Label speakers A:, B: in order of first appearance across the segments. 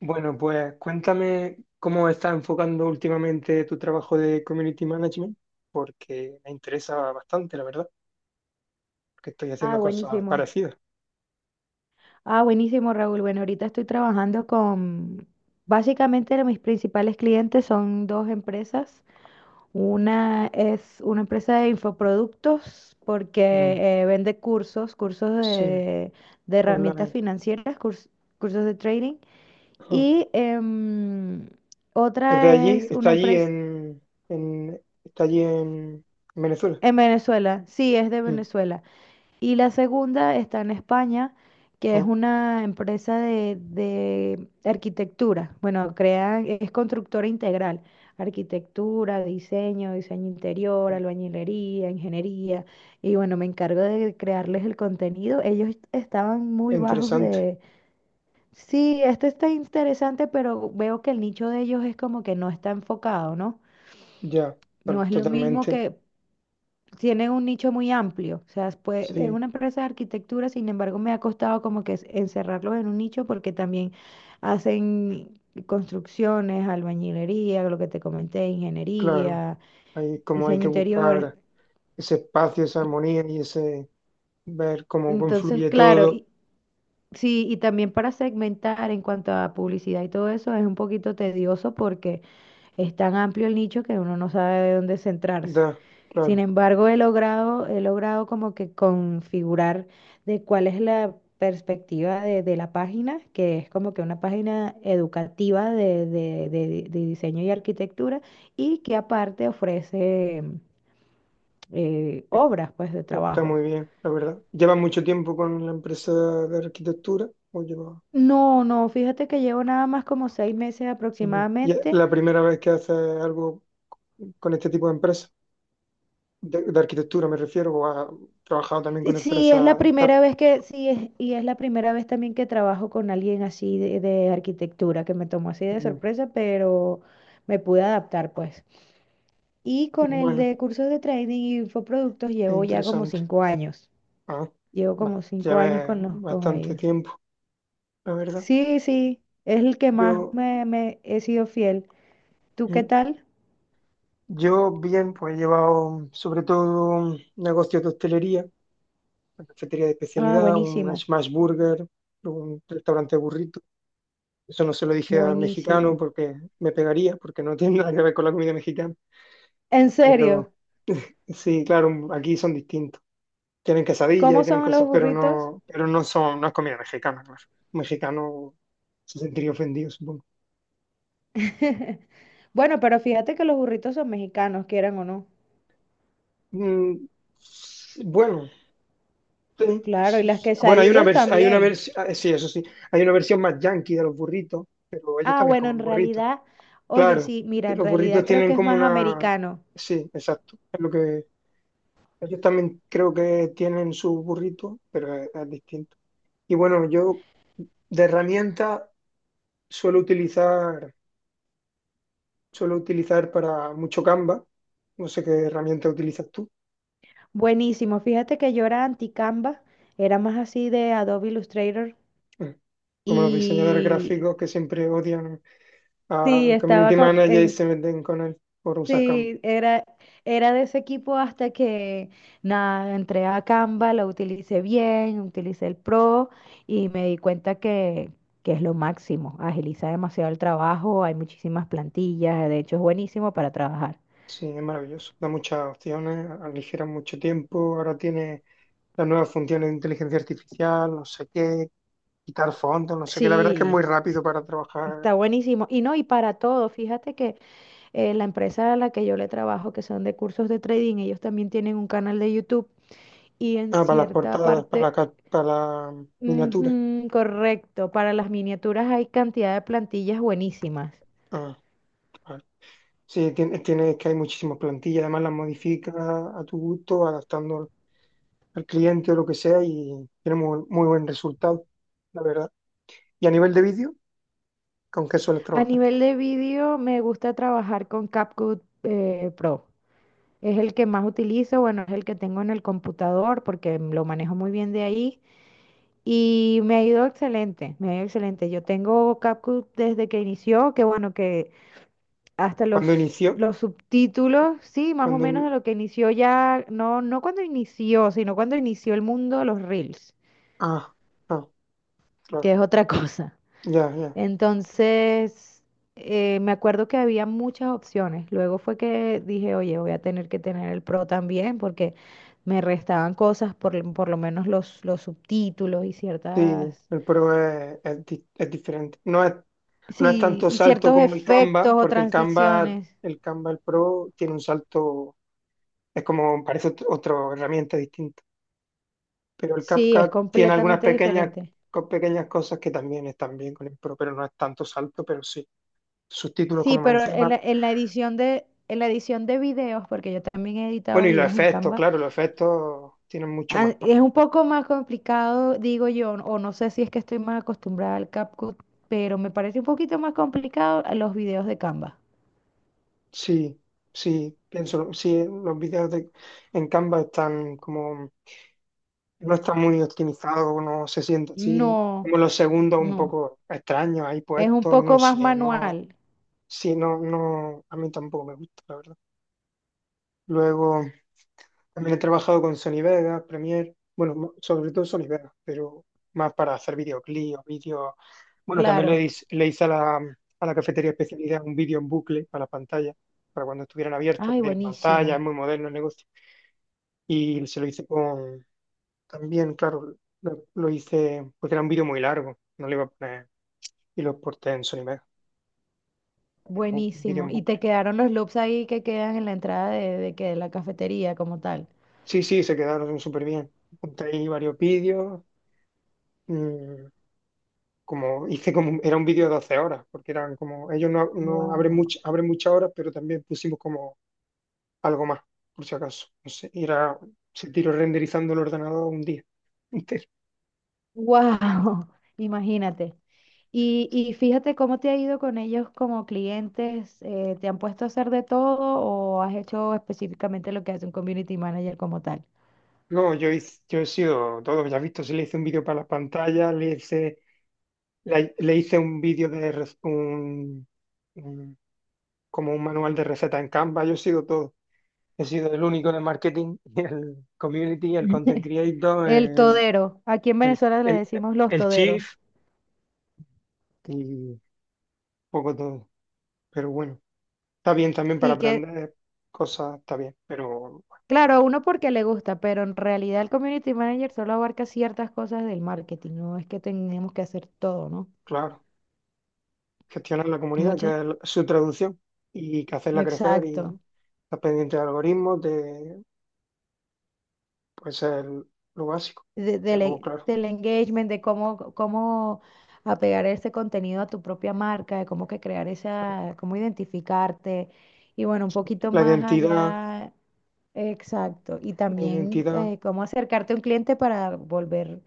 A: Bueno, pues cuéntame cómo estás enfocando últimamente tu trabajo de community management, porque me interesa bastante, la verdad, porque estoy
B: Ah,
A: haciendo cosas
B: buenísimo.
A: parecidas.
B: Ah, buenísimo, Raúl. Bueno, ahorita estoy trabajando básicamente mis principales clientes son dos empresas. Una es una empresa de infoproductos
A: Mm,
B: porque vende cursos
A: sí,
B: de herramientas
A: online.
B: financieras, cursos de trading.
A: Ajá.
B: Y
A: ¿Es de
B: otra
A: allí?
B: es
A: ¿Está
B: una
A: allí
B: empresa
A: en Venezuela?
B: en Venezuela, sí, es de
A: Mm,
B: Venezuela. Y la segunda está en España, que es
A: ah,
B: una empresa de arquitectura. Bueno, es constructora integral. Arquitectura, diseño, diseño interior, albañilería, ingeniería. Y bueno, me encargo de crearles el contenido. Ellos estaban muy bajos
A: interesante.
B: de. Sí, este está interesante, pero veo que el nicho de ellos es como que no está enfocado, ¿no?
A: Ya,
B: No es lo mismo
A: totalmente.
B: que tiene un nicho muy amplio. O sea, pues, es
A: Sí,
B: una empresa de arquitectura, sin embargo, me ha costado como que encerrarlos en un nicho porque también hacen construcciones, albañilería, lo que te comenté,
A: claro.
B: ingeniería,
A: Ahí como hay
B: diseño
A: que
B: interior.
A: buscar ese espacio, esa armonía y ese ver cómo
B: Entonces,
A: confluye
B: claro,
A: todo.
B: sí, y también para segmentar en cuanto a publicidad y todo eso es un poquito tedioso porque es tan amplio el nicho que uno no sabe de dónde centrarse.
A: Da,
B: Sin
A: claro.
B: embargo, he logrado como que configurar de cuál es la perspectiva de la página, que es como que una página educativa de diseño y arquitectura, y que aparte ofrece
A: E-
B: obras pues de
A: Está
B: trabajo.
A: muy bien, la verdad. ¿Lleva mucho tiempo con la empresa de arquitectura? ¿O lleva?
B: No, no, fíjate que llevo nada más como 6 meses
A: Ujú. ¿Y es
B: aproximadamente.
A: la primera vez que haces algo con este tipo de empresa? De arquitectura me refiero, o has trabajado también
B: Sí,
A: con
B: sí, es la
A: empresas TAP.
B: primera vez sí, y es la primera vez también que trabajo con alguien así de arquitectura, que me tomó así de
A: Mm.
B: sorpresa, pero me pude adaptar, pues. Y con el
A: Bueno,
B: de cursos de trading y infoproductos
A: es
B: llevo ya como
A: interesante.
B: 5 años.
A: Ah,
B: Llevo
A: va-
B: como
A: ya
B: 5 años
A: ves
B: con
A: bastante
B: ellos.
A: tiempo, la verdad.
B: Sí, sí, es el que más
A: Yo,
B: me he sido fiel. ¿Tú qué
A: mm,
B: tal?
A: yo bien, pues he llevado sobre todo negocios de hostelería: una cafetería de
B: Ah,
A: especialidad, un
B: buenísimo,
A: smash burger, un restaurante burrito. Eso no se lo dije al mexicano
B: buenísimo.
A: porque me pegaría, porque no tiene nada que ver con la comida mexicana.
B: En
A: Pero
B: serio,
A: sí, claro, aquí son distintos. Tienen quesadillas y
B: ¿cómo
A: tienen
B: son los
A: cosas,
B: burritos?
A: pero no son, no es comida mexicana, claro. Un mexicano se sentiría ofendido, supongo.
B: Bueno, pero fíjate que los burritos son mexicanos, quieran o no.
A: Mm, bueno, sí,
B: Claro, y
A: sí,
B: las
A: sí. Bueno,
B: quesadillas también.
A: ah, sí, eso sí, hay una versión más yankee de los burritos, pero ellos
B: Ah,
A: también
B: bueno, en
A: comen burritos.
B: realidad, oye,
A: Claro,
B: sí, mira,
A: que
B: en
A: los burritos
B: realidad creo que
A: tienen
B: es
A: como
B: más
A: una.
B: americano.
A: Sí, exacto. Es lo que ellos también creo que tienen sus burritos, pero es distinto. Y bueno, yo de herramienta suelo utilizar, suelo utilizar para mucho Canva. No sé qué herramienta utilizas tú.
B: Buenísimo, fíjate que yo era anti-Canva, era más así de Adobe Illustrator
A: Mm. Como los diseñadores
B: y
A: gráficos que siempre odian
B: sí,
A: al
B: estaba
A: community
B: con,
A: manager y
B: en-
A: se meten con él por usar Canva.
B: sí, era de ese equipo hasta que nada, entré a Canva, lo utilicé bien, utilicé el Pro y me di cuenta que es lo máximo. Agiliza demasiado el trabajo, hay muchísimas plantillas, de hecho es buenísimo para trabajar.
A: Sí, es maravilloso. Da muchas opciones, aligera mucho tiempo. Ahora tiene las nuevas funciones de inteligencia artificial, no sé qué, quitar fondos, no sé qué. La verdad es que es
B: Sí,
A: muy rápido para trabajar.
B: está buenísimo. Y no, y para todo, fíjate que la empresa a la que yo le trabajo, que son de cursos de trading, ellos también tienen un canal de YouTube y en
A: Ah, para las
B: cierta
A: portadas, para la,
B: parte,
A: ca- para la miniatura.
B: ujú, correcto, para las miniaturas hay cantidad de plantillas buenísimas.
A: Ah, vale. Sí, es que hay muchísimas plantillas, además las modificas a tu gusto, adaptando al cliente o lo que sea, y tiene muy, muy buen resultado, la verdad. Y a nivel de vídeo, ¿con qué sueles
B: A
A: trabajar?
B: nivel de vídeo me gusta trabajar con CapCut Pro. Es el que más utilizo, bueno, es el que tengo en el computador porque lo manejo muy bien de ahí y me ha ido excelente, me ha ido excelente. Yo tengo CapCut desde que inició, que bueno, que hasta
A: Cuando
B: los,
A: inició,
B: los subtítulos, sí, más o
A: cuando...
B: menos de
A: in-
B: lo que inició ya, no, no cuando inició, sino cuando inició el mundo de los Reels,
A: ah, ah,
B: que
A: claro,
B: es otra cosa.
A: ya, ya.
B: Entonces, me acuerdo que había muchas opciones. Luego fue que dije, oye, voy a tener que tener el Pro también porque me restaban cosas, por lo menos los subtítulos y
A: Sí,
B: ciertas,
A: el Pro es diferente. No es
B: sí,
A: tanto
B: y
A: salto
B: ciertos
A: como el
B: efectos
A: Canva,
B: o
A: porque el Canva,
B: transiciones.
A: el Canva, el Pro, tiene un salto, es como, parece otra herramienta distinta. Pero el
B: Sí, es
A: CapCut tiene algunas
B: completamente
A: pequeñas,
B: diferente.
A: co- pequeñas cosas que también están bien con el Pro, pero no es tanto salto, pero sí. Sus títulos,
B: Sí,
A: como
B: pero en
A: menciona.
B: la edición de videos, porque yo también he editado
A: Bueno, y los
B: videos en
A: efectos,
B: Canva.
A: claro, los efectos tienen mucho
B: Ah,
A: más.
B: es un poco más complicado, digo yo, o no sé si es que estoy más acostumbrada al CapCut, pero me parece un poquito más complicado a los videos de Canva.
A: Sí, sí, pienso, sí, los vídeos en Canva están como, no están muy optimizados, no se siente así, como
B: No,
A: los segundos un
B: no.
A: poco extraños ahí
B: Es un
A: puestos,
B: poco
A: no
B: más
A: sé, no,
B: manual,
A: sí, no, no, a mí tampoco me gusta, la verdad. Luego también he trabajado con Sony Vegas, Premiere, bueno, sobre todo Sony Vegas, pero más para hacer videoclips, vídeos. Bueno, también le,
B: claro.
A: hice- le hice a la cafetería especialidad un vídeo en bucle para la pantalla, para cuando estuvieran abiertos,
B: Ay,
A: que tienen pantalla, es
B: buenísimo,
A: muy moderno el negocio. Y se lo hice con, también, claro, lo hice porque era un vídeo muy largo, no le iba a poner, y lo exporté en Sony Vegas, un vídeo
B: buenísimo.
A: en
B: Y
A: bucle.
B: te quedaron los loops ahí que quedan en la entrada de la cafetería como tal.
A: Sí, sí, se quedaron súper bien. Apunté ahí varios vídeos. mm, Como hice como, era un vídeo de 12 horas, porque eran como, ellos no, no abren
B: Wow.
A: abren muchas horas, pero también pusimos como algo más, por si acaso. No sé, era, se tiró renderizando el ordenador un día entero.
B: Wow, imagínate. Y fíjate cómo te ha ido con ellos como clientes. ¿Te han puesto a hacer de todo o has hecho específicamente lo que hace un community manager como tal?
A: No, yo he sido todo, ya has visto, si le hice un vídeo para la pantalla, le hice un vídeo de rec- un- como un manual de receta en Canva, yo he sido todo. He sido el único en el marketing, el community, el content creator,
B: El
A: el,
B: todero. Aquí en Venezuela le
A: el,
B: decimos los
A: el
B: toderos.
A: Chief y poco todo. Pero bueno, está bien también para
B: Sí, que
A: aprender cosas, está bien. Pero
B: claro, a uno porque le gusta, pero en realidad el community manager solo abarca ciertas cosas del marketing. No es que tenemos que hacer todo, ¿no?
A: claro, gestionar la comunidad, que es
B: Muchas.
A: su traducción, y que hacerla crecer y
B: Exacto.
A: estar pendiente de algoritmos, pues es lo básico.
B: de-
A: Pero
B: del,
A: claro,
B: del engagement, de cómo apegar ese contenido a tu propia marca, de cómo que crear esa, cómo identificarte. Y bueno, un
A: exacto.
B: poquito
A: La
B: más
A: identidad,
B: allá, exacto. Y
A: la
B: también
A: identidad,
B: cómo acercarte a un cliente para volver,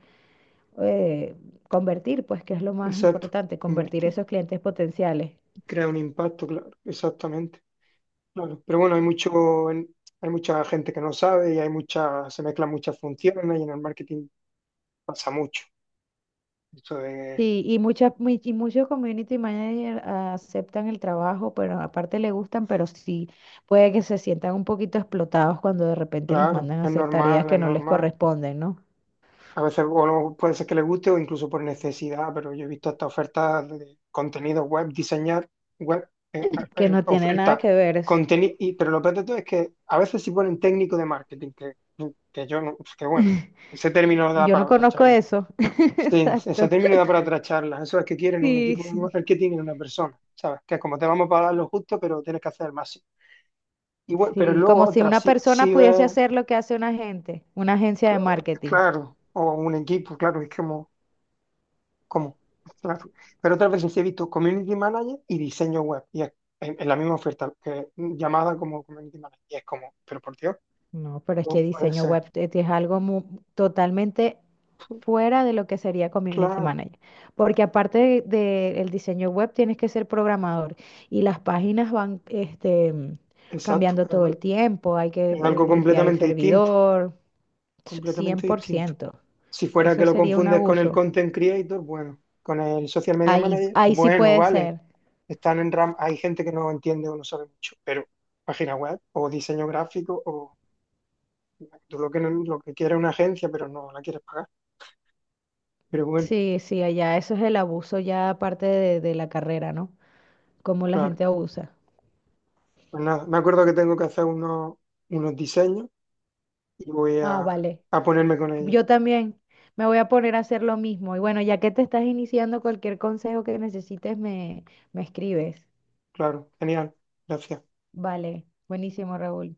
B: eh, convertir, pues que es lo más
A: exacto,
B: importante, convertir
A: convertir,
B: esos clientes potenciales.
A: crear un impacto, claro, exactamente. Claro. Pero bueno, hay mucha gente que no sabe, y hay mucha, se mezclan muchas funciones y en el marketing pasa mucho. Eso de,
B: Sí, y y muchos community managers aceptan el trabajo, pero aparte le gustan, pero sí puede que se sientan un poquito explotados cuando de repente los
A: claro,
B: mandan a
A: es
B: hacer tareas
A: normal,
B: que
A: es
B: no les
A: normal.
B: corresponden, ¿no?
A: A veces o no, puede ser que le guste o incluso por necesidad, pero yo he visto hasta ofertas de contenido web, diseñar web,
B: Que no tiene nada
A: oferta,
B: que ver.
A: contenido, pero lo peor de todo es que a veces sí ponen técnico de marketing, que yo no, pues que bueno, ese término da
B: Yo
A: para
B: no
A: otra
B: conozco
A: charla.
B: eso.
A: Sí, ese
B: Exacto.
A: término da para otra charla. Eso es que quieren un
B: Sí,
A: equipo de
B: sí.
A: marketing en una persona, ¿sabes? Que como te vamos a pagar lo justo, pero tienes que hacer el máximo. Y bueno, pero
B: Sí,
A: luego
B: como si
A: otras
B: una
A: sí,
B: persona
A: sí.
B: pudiese hacer lo que hace una agente, una agencia de
A: Cl-
B: marketing.
A: Claro, o un equipo, claro, es como, claro. Pero otras veces sí he visto community manager y diseño web, y es en la misma oferta, que, llamada como community manager, y es como, pero por Dios,
B: No, pero es
A: ¿cómo
B: que
A: puede
B: diseño
A: ser?
B: web es totalmente fuera de lo que sería community
A: Claro,
B: manager, porque aparte del diseño web tienes que ser programador y las páginas van
A: exacto,
B: cambiando
A: es
B: todo el
A: algo,
B: tiempo, hay que
A: es algo
B: limpiar el
A: completamente distinto,
B: servidor, cien
A: completamente
B: por
A: distinto.
B: ciento,
A: Si fuera
B: Eso
A: que lo
B: sería un
A: confundes con el
B: abuso.
A: content creator, bueno, con el social media
B: Ahí,
A: manager,
B: ahí sí
A: bueno,
B: puede
A: vale,
B: ser.
A: están en RAM, hay gente que no entiende o no sabe mucho, pero página web o diseño gráfico o tú lo que, lo que quieres es una agencia, pero no la quieres pagar. Pero bueno,
B: Sí, sí, allá eso es el abuso ya aparte de la carrera, ¿no? Cómo la
A: claro.
B: gente abusa.
A: Pues nada, me acuerdo que tengo que hacer unos diseños y voy
B: Ah, vale.
A: a ponerme con ellos.
B: Yo también me voy a poner a hacer lo mismo. Y bueno, ya que te estás iniciando, cualquier consejo que necesites me escribes.
A: Claro, genial. Gracias.
B: Vale, buenísimo, Raúl.